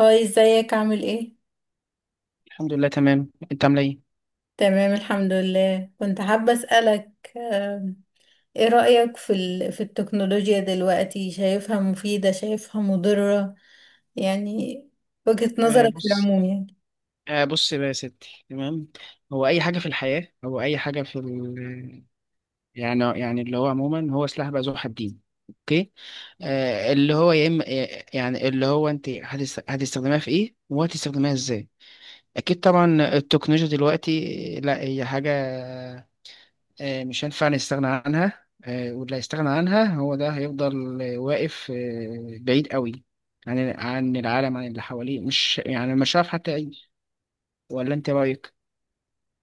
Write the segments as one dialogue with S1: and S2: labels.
S1: هاي، ازيك؟ عامل ايه؟
S2: الحمد لله، تمام. انت عامله ايه؟
S1: تمام، الحمد لله. كنت حابة اسألك، آم، ايه رأيك في في التكنولوجيا دلوقتي؟ شايفها مفيدة؟ شايفها مضرة؟ يعني وجهة
S2: آه
S1: نظرك في
S2: بص
S1: العموم. يعني
S2: آه، بص بقى يا ستي، تمام. هو اي حاجه في الحياه، او اي حاجه في يعني اللي هو عموما هو سلاح بقى ذو حدين. اوكي. آه اللي هو يا اما يعني اللي هو انت هتستخدمها في ايه وهتستخدمها ازاي. اكيد طبعا. التكنولوجيا دلوقتي، لا هي حاجه مش هينفع نستغنى عنها، واللي هيستغنى عنها هو ده هيفضل واقف بعيد قوي عن العالم، عن اللي حواليه. مش يعني مش عارف حتى يعيش. ولا انت رايك؟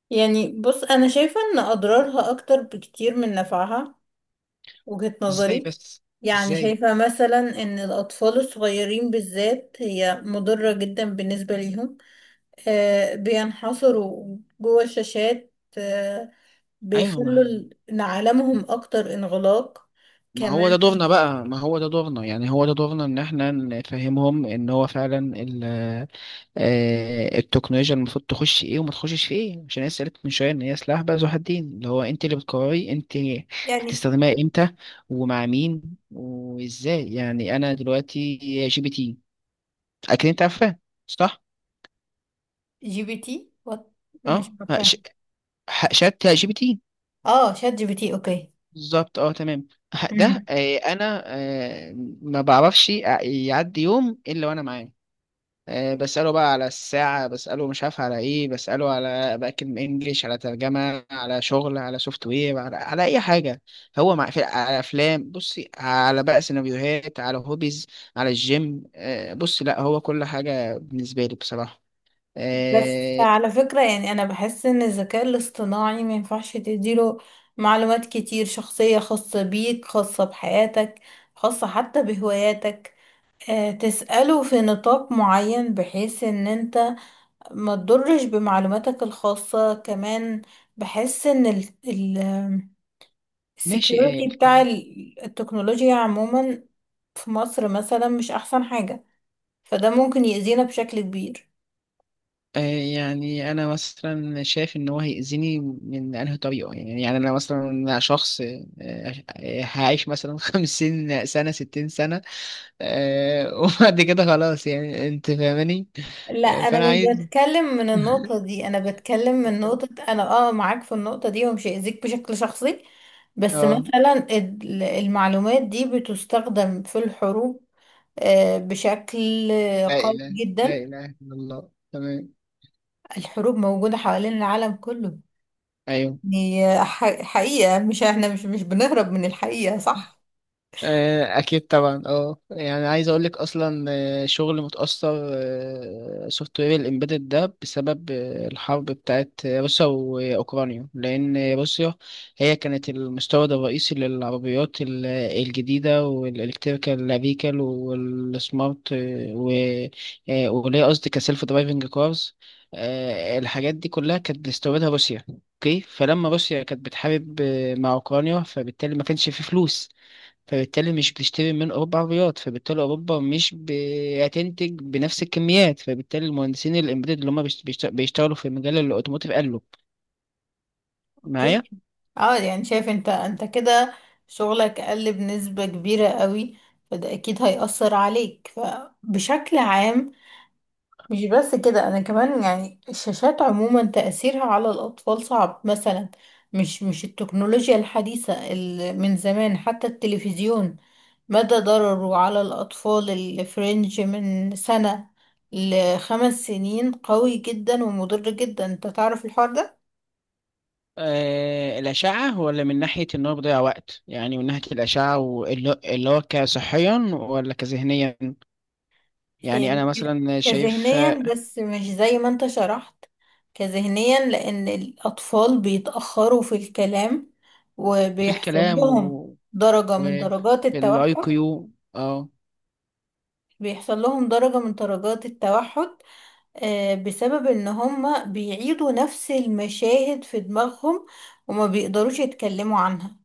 S1: يعني بص، انا شايفة ان اضرارها اكتر بكتير من نفعها. وجهة
S2: ازاي
S1: نظري،
S2: بس؟
S1: يعني
S2: ازاي؟
S1: شايفة مثلا ان الاطفال الصغيرين بالذات هي مضرة جدا بالنسبة ليهم. بينحصروا جوه الشاشات.
S2: ايوه.
S1: بيخلوا إن عالمهم أكتر انغلاق.
S2: ما هو
S1: كمان،
S2: ده دورنا بقى ما هو ده دورنا، يعني هو ده دورنا ان احنا نفهمهم ان هو فعلا التكنولوجيا المفروض تخش في ايه وما تخشش في ايه. عشان انا سألت من شويه ان هي سلاح بقى ذو حدين، اللي هو انت اللي بتقرري انت
S1: يعني
S2: هتستخدمها امتى، ومع مين، وازاي. يعني انا دلوقتي جي بي تي، اكيد انت عارفاه، صح؟
S1: جي بي تي وات؟ مش
S2: اه. ش-
S1: عارفة.
S2: شات جي بي تي.
S1: اه، شات جي بي تي. اوكي.
S2: بالظبط، اه تمام. ده
S1: مم.
S2: آه، انا آه، ما بعرفش يعدي يوم الا وانا معاه. بسأله بقى على الساعة، بسأله مش عارف على ايه، بسأله على، بأكد من انجليش، على ترجمة، على شغل، على سوفت وير، على اي حاجة. هو مع في على افلام، بصي، على بقى سيناريوهات، على هوبيز، على الجيم. بصي لا هو كل حاجة بالنسبة لي بصراحة.
S1: بس
S2: آه،
S1: على فكرة يعني أنا بحس إن الذكاء الاصطناعي ما ينفعش تديله معلومات كتير شخصية، خاصة بيك، خاصة بحياتك، خاصة حتى بهواياتك. تسأله في نطاق معين بحيث إن أنت ما تضرش بمعلوماتك الخاصة. كمان بحس ان ال
S2: ماشي
S1: السكيورتي بتاع التكنولوجيا عموما في مصر مثلا مش احسن حاجة، فده ممكن يأذينا بشكل كبير.
S2: آه، يعني انا مثلا شايف ان هو هيأذيني من انهي طريقة. يعني انا مثلا شخص هعيش مثلا 50 سنة، 60 سنة وبعد كده خلاص، يعني انت فاهماني.
S1: لا، انا
S2: فانا
S1: مش
S2: عايز.
S1: بتكلم من النقطة دي، انا بتكلم من نقطة، انا اه معاك في النقطة دي ومش هيأذيك بشكل شخصي. بس
S2: اه،
S1: مثلا المعلومات دي بتستخدم في الحروب بشكل
S2: لا
S1: قوي
S2: اله، لا
S1: جدا.
S2: اله الا الله، تمام.
S1: الحروب موجودة حوالين العالم كله،
S2: ايوه،
S1: هي حقيقة. مش احنا مش بنهرب من الحقيقة، صح؟
S2: اكيد طبعا. اه، يعني عايز اقول لك اصلا شغل متاثر. سوفت وير الامبيدد ده بسبب الحرب بتاعت روسيا واوكرانيا، لان روسيا هي كانت المستورد الرئيسي للعربيات الجديده والالكتريكال فيكل والسمارت آه، و آه، وليه قصدي كسيلف درايفنج كارز. الحاجات دي كلها كانت بتستوردها روسيا. اوكي، فلما روسيا كانت بتحارب مع اوكرانيا، فبالتالي ما كانش في فلوس، فبالتالي مش بتشتري من أوروبا عربيات، فبالتالي أوروبا مش بتنتج بنفس الكميات، فبالتالي المهندسين الإمبيدد اللي هم بيشتغلوا في مجال الأوتوموتيف قالوا معايا.
S1: اوكي. اه، يعني شايف انت كده شغلك قل بنسبة كبيرة قوي، فده اكيد هيأثر عليك، فبشكل عام. مش بس كده، انا كمان يعني الشاشات عموما تأثيرها على الأطفال صعب مثلا. مش التكنولوجيا الحديثة، اللي من زمان حتى التلفزيون مدى ضرره على الأطفال اللي في رينج من سنة لـ 5 سنين قوي جدا ومضر جدا. انت تعرف الحوار ده.
S2: آه، الأشعة، ولا من ناحية إن هو بيضيع وقت؟ يعني من ناحية الأشعة، واللي هو كصحيا ولا كذهنيا؟
S1: إيه،
S2: يعني أنا مثلا شايف
S1: كذهنيا، بس مش زي ما انت شرحت. كذهنيا، لأن الأطفال بيتأخروا في الكلام
S2: في
S1: وبيحصل
S2: الكلام
S1: لهم درجة من
S2: وفي
S1: درجات
S2: الأي
S1: التوحد.
S2: كيو، أه.
S1: بيحصل لهم درجة من درجات التوحد بسبب ان هما بيعيدوا نفس المشاهد في دماغهم وما بيقدروش يتكلموا عنها.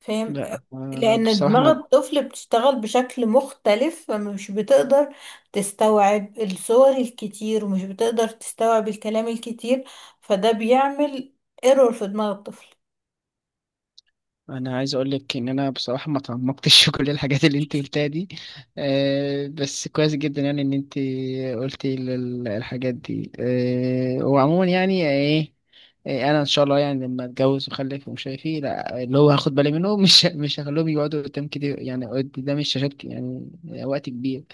S1: فاهم؟
S2: لا
S1: لان
S2: بصراحة.
S1: دماغ الطفل بتشتغل بشكل مختلف، فمش بتقدر تستوعب الصور الكتير ومش بتقدر تستوعب الكلام الكتير، فده بيعمل ايرور في دماغ الطفل.
S2: انا عايز اقول لك ان انا بصراحه ما تعمقتش في كل الحاجات اللي انت قلتها دي. أه، بس كويس جدا يعني ان انت قلتي الحاجات دي. أه، وعموما يعني ايه، انا ان شاء الله يعني لما اتجوز واخلف ومش عارف ايه، لا اللي هو هاخد بالي منه، مش مش هخليهم يقعدوا قدام كده، يعني قدام الشاشات يعني وقت كبير.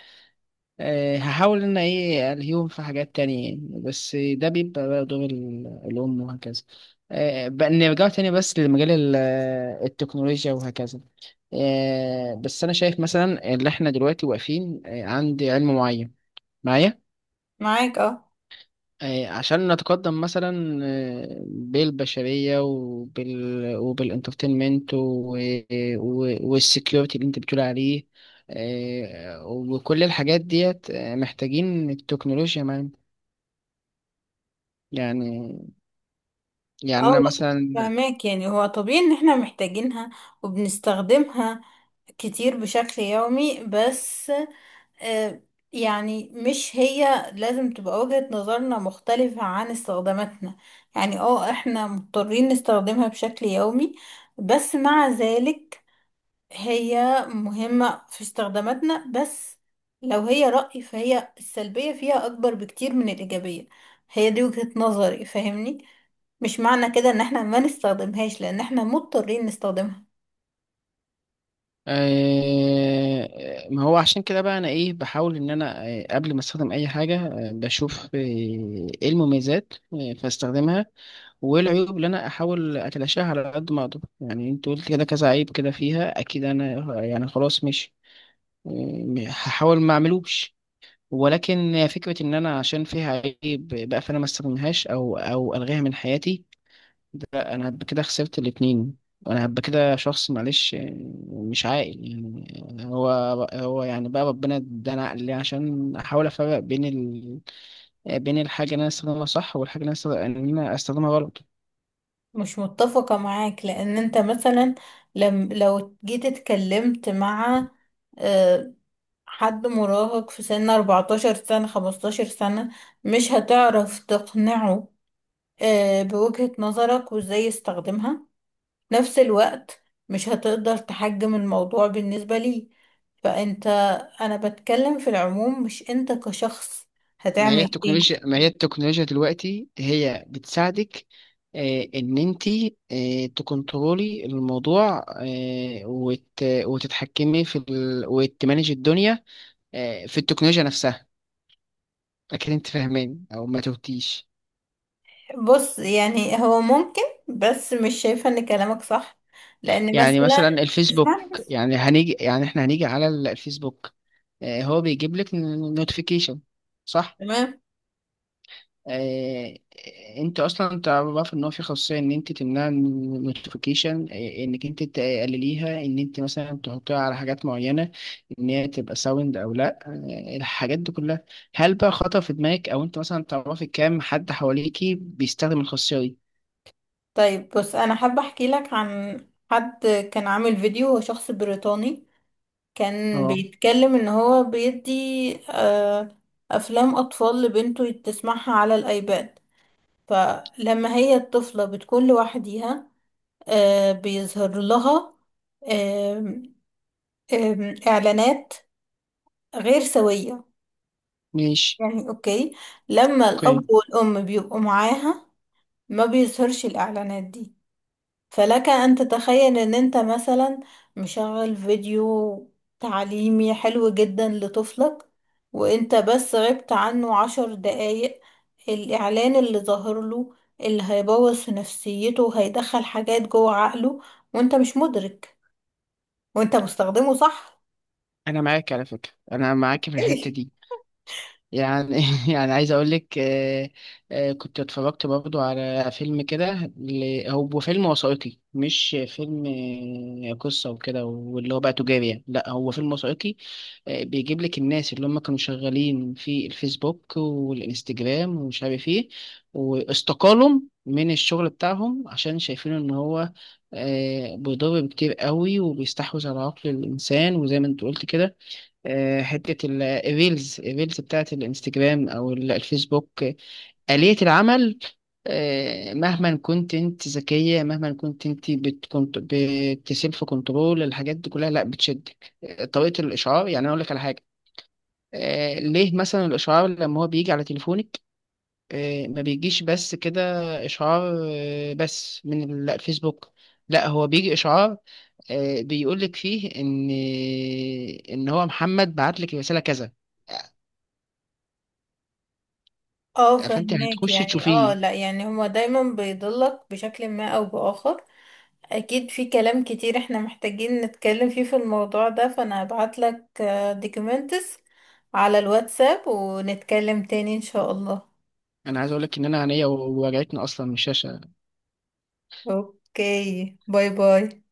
S2: هحاول ان ايه الهيهم في حاجات تانية يعني، بس ده بيبقى بقى دور الام وهكذا. بقى نرجع تاني بس لمجال التكنولوجيا وهكذا. بس انا شايف مثلا ان احنا دلوقتي واقفين عند علم معين، معايا؟
S1: معاك؟ اه،
S2: عشان نتقدم مثلا بالبشرية وبالانترتينمنت والسكيورتي اللي انت بتقول عليه وكل الحاجات ديت محتاجين التكنولوجيا معانا. يعني، يعني
S1: اه،
S2: انا مثلا
S1: فهماك. يعني هو طبيعي ان احنا محتاجينها وبنستخدمها كتير بشكل يومي. بس آه، يعني مش هي لازم تبقى وجهة نظرنا مختلفة عن استخداماتنا. يعني اه، احنا مضطرين نستخدمها بشكل يومي، بس مع ذلك هي مهمة في استخداماتنا. بس لو هي رأي، فهي السلبية فيها أكبر بكتير من الإيجابية. هي دي وجهة نظري، فاهمني؟ مش معنى كده ان احنا ما نستخدمهاش، لان احنا مضطرين نستخدمها.
S2: آه، ما هو عشان كده بقى انا ايه، بحاول ان انا قبل ما استخدم اي حاجة بشوف ايه المميزات فاستخدمها، وايه العيوب اللي انا احاول اتلاشاها على قد ما اقدر. يعني انت قلت كده كذا عيب كده فيها، اكيد انا يعني خلاص، مش هحاول ما اعملوش. ولكن فكرة ان انا عشان فيها عيب بقى فانا ما استخدمهاش او الغيها من حياتي، لا. انا هبقى كده خسرت الاتنين. انا هبقى كده شخص، معلش، مش عاقل. يعني هو يعني بقى ربنا ادانا عقل ليه؟ عشان احاول افرق بين بين الحاجة اللي انا استخدمها صح، والحاجة اللي انا استخدمها غلط.
S1: مش متفقة معاك، لأن أنت مثلا لم لو جيت اتكلمت مع آه، حد مراهق في سن 14 سنة، 15 سنة، مش هتعرف تقنعه بوجهة نظرك، وازاي يستخدمها نفس الوقت. مش هتقدر تحجم الموضوع بالنسبة ليه. فأنت، أنا بتكلم في العموم مش أنت كشخص، هتعمل ايه؟
S2: ما هي التكنولوجيا دلوقتي هي بتساعدك ان انت تكنترولي الموضوع، وتتحكمي في وتمانج الدنيا في التكنولوجيا نفسها. اكيد انت فاهمين او ما توتيش.
S1: بص، يعني هو ممكن، بس مش شايفة ان كلامك صح، لأن
S2: يعني
S1: مثلا،
S2: مثلا الفيسبوك،
S1: اسمعني بس.
S2: يعني هنيجي يعني احنا هنيجي على الفيسبوك، هو بيجيب لك نوتيفيكيشن، صح؟
S1: تمام.
S2: آه، انت اصلا تعرف ان هو في خاصيه ان انت تمنع النوتيفيكيشن، انك انت تقلليها، ان انت مثلا تحطيها على حاجات معينه، ان هي تبقى ساوند او لا. الحاجات دي كلها، هل بقى خطر في دماغك، او انت مثلا تعرفي كام حد حواليكي بيستخدم الخاصيه دي؟
S1: طيب بص، انا حابه احكي لك عن حد كان عامل فيديو، هو شخص بريطاني. كان
S2: اه،
S1: بيتكلم ان هو بيدي آه، افلام اطفال لبنته تسمعها على الايباد. فلما هي الطفله بتكون لوحديها، بيظهر لها آم، آم، اعلانات غير سويه.
S2: ماشي،
S1: يعني اوكي، لما الاب
S2: اوكي.
S1: والام بيبقوا معاها ما بيظهرش الاعلانات دي. فلك أن تتخيل إن أنت مثلا مشغل فيديو تعليمي حلو جدا لطفلك، وأنت بس غبت عنه 10 دقايق، الإعلان اللي ظاهر له اللي هيبوظ في نفسيته وهيدخل حاجات جوه عقله، وأنت مش مدرك وأنت مستخدمه صح.
S2: انا معاك على فكره، انا معاك في الحته
S1: ايه،
S2: دي. يعني يعني عايز اقول لك كنت اتفرجت برضو على فيلم كده، هو فيلم وثائقي، مش فيلم قصة وكده واللي هو بقى تجاري يعني. لا، هو فيلم وثائقي بيجيب لك الناس اللي هم كانوا شغالين في الفيسبوك والانستجرام ومش عارف ايه، واستقالوا من الشغل بتاعهم عشان شايفين ان هو بيضر كتير قوي وبيستحوذ على عقل الانسان. وزي ما انت قلت كده حتة الريلز بتاعت الانستجرام أو الفيسبوك. آلية العمل مهما كنت انت ذكية، مهما كنت انت بتكنت بتسيلف كنترول الحاجات دي كلها، لا بتشدك. طريقة الإشعار، يعني أنا أقول لك على حاجة، ليه مثلا الإشعار لما هو بيجي على تليفونك ما بيجيش بس كده إشعار بس من الفيسبوك، لا هو بيجي إشعار بيقولك فيه إن هو محمد بعت لك رسالة كذا،
S1: اه،
S2: فانت
S1: فهماك.
S2: هتخشي
S1: يعني اه،
S2: تشوفيه.
S1: لا يعني هما دايما بيضلك بشكل ما أو بآخر. اكيد في كلام كتير احنا محتاجين نتكلم فيه في الموضوع ده، فانا هبعت لك دوكيومنتس على الواتساب ونتكلم تاني ان شاء الله.
S2: انا عايز اقول لك ان انا عينيا وجعتني اصلا من الشاشه.
S1: اوكي، باي باي.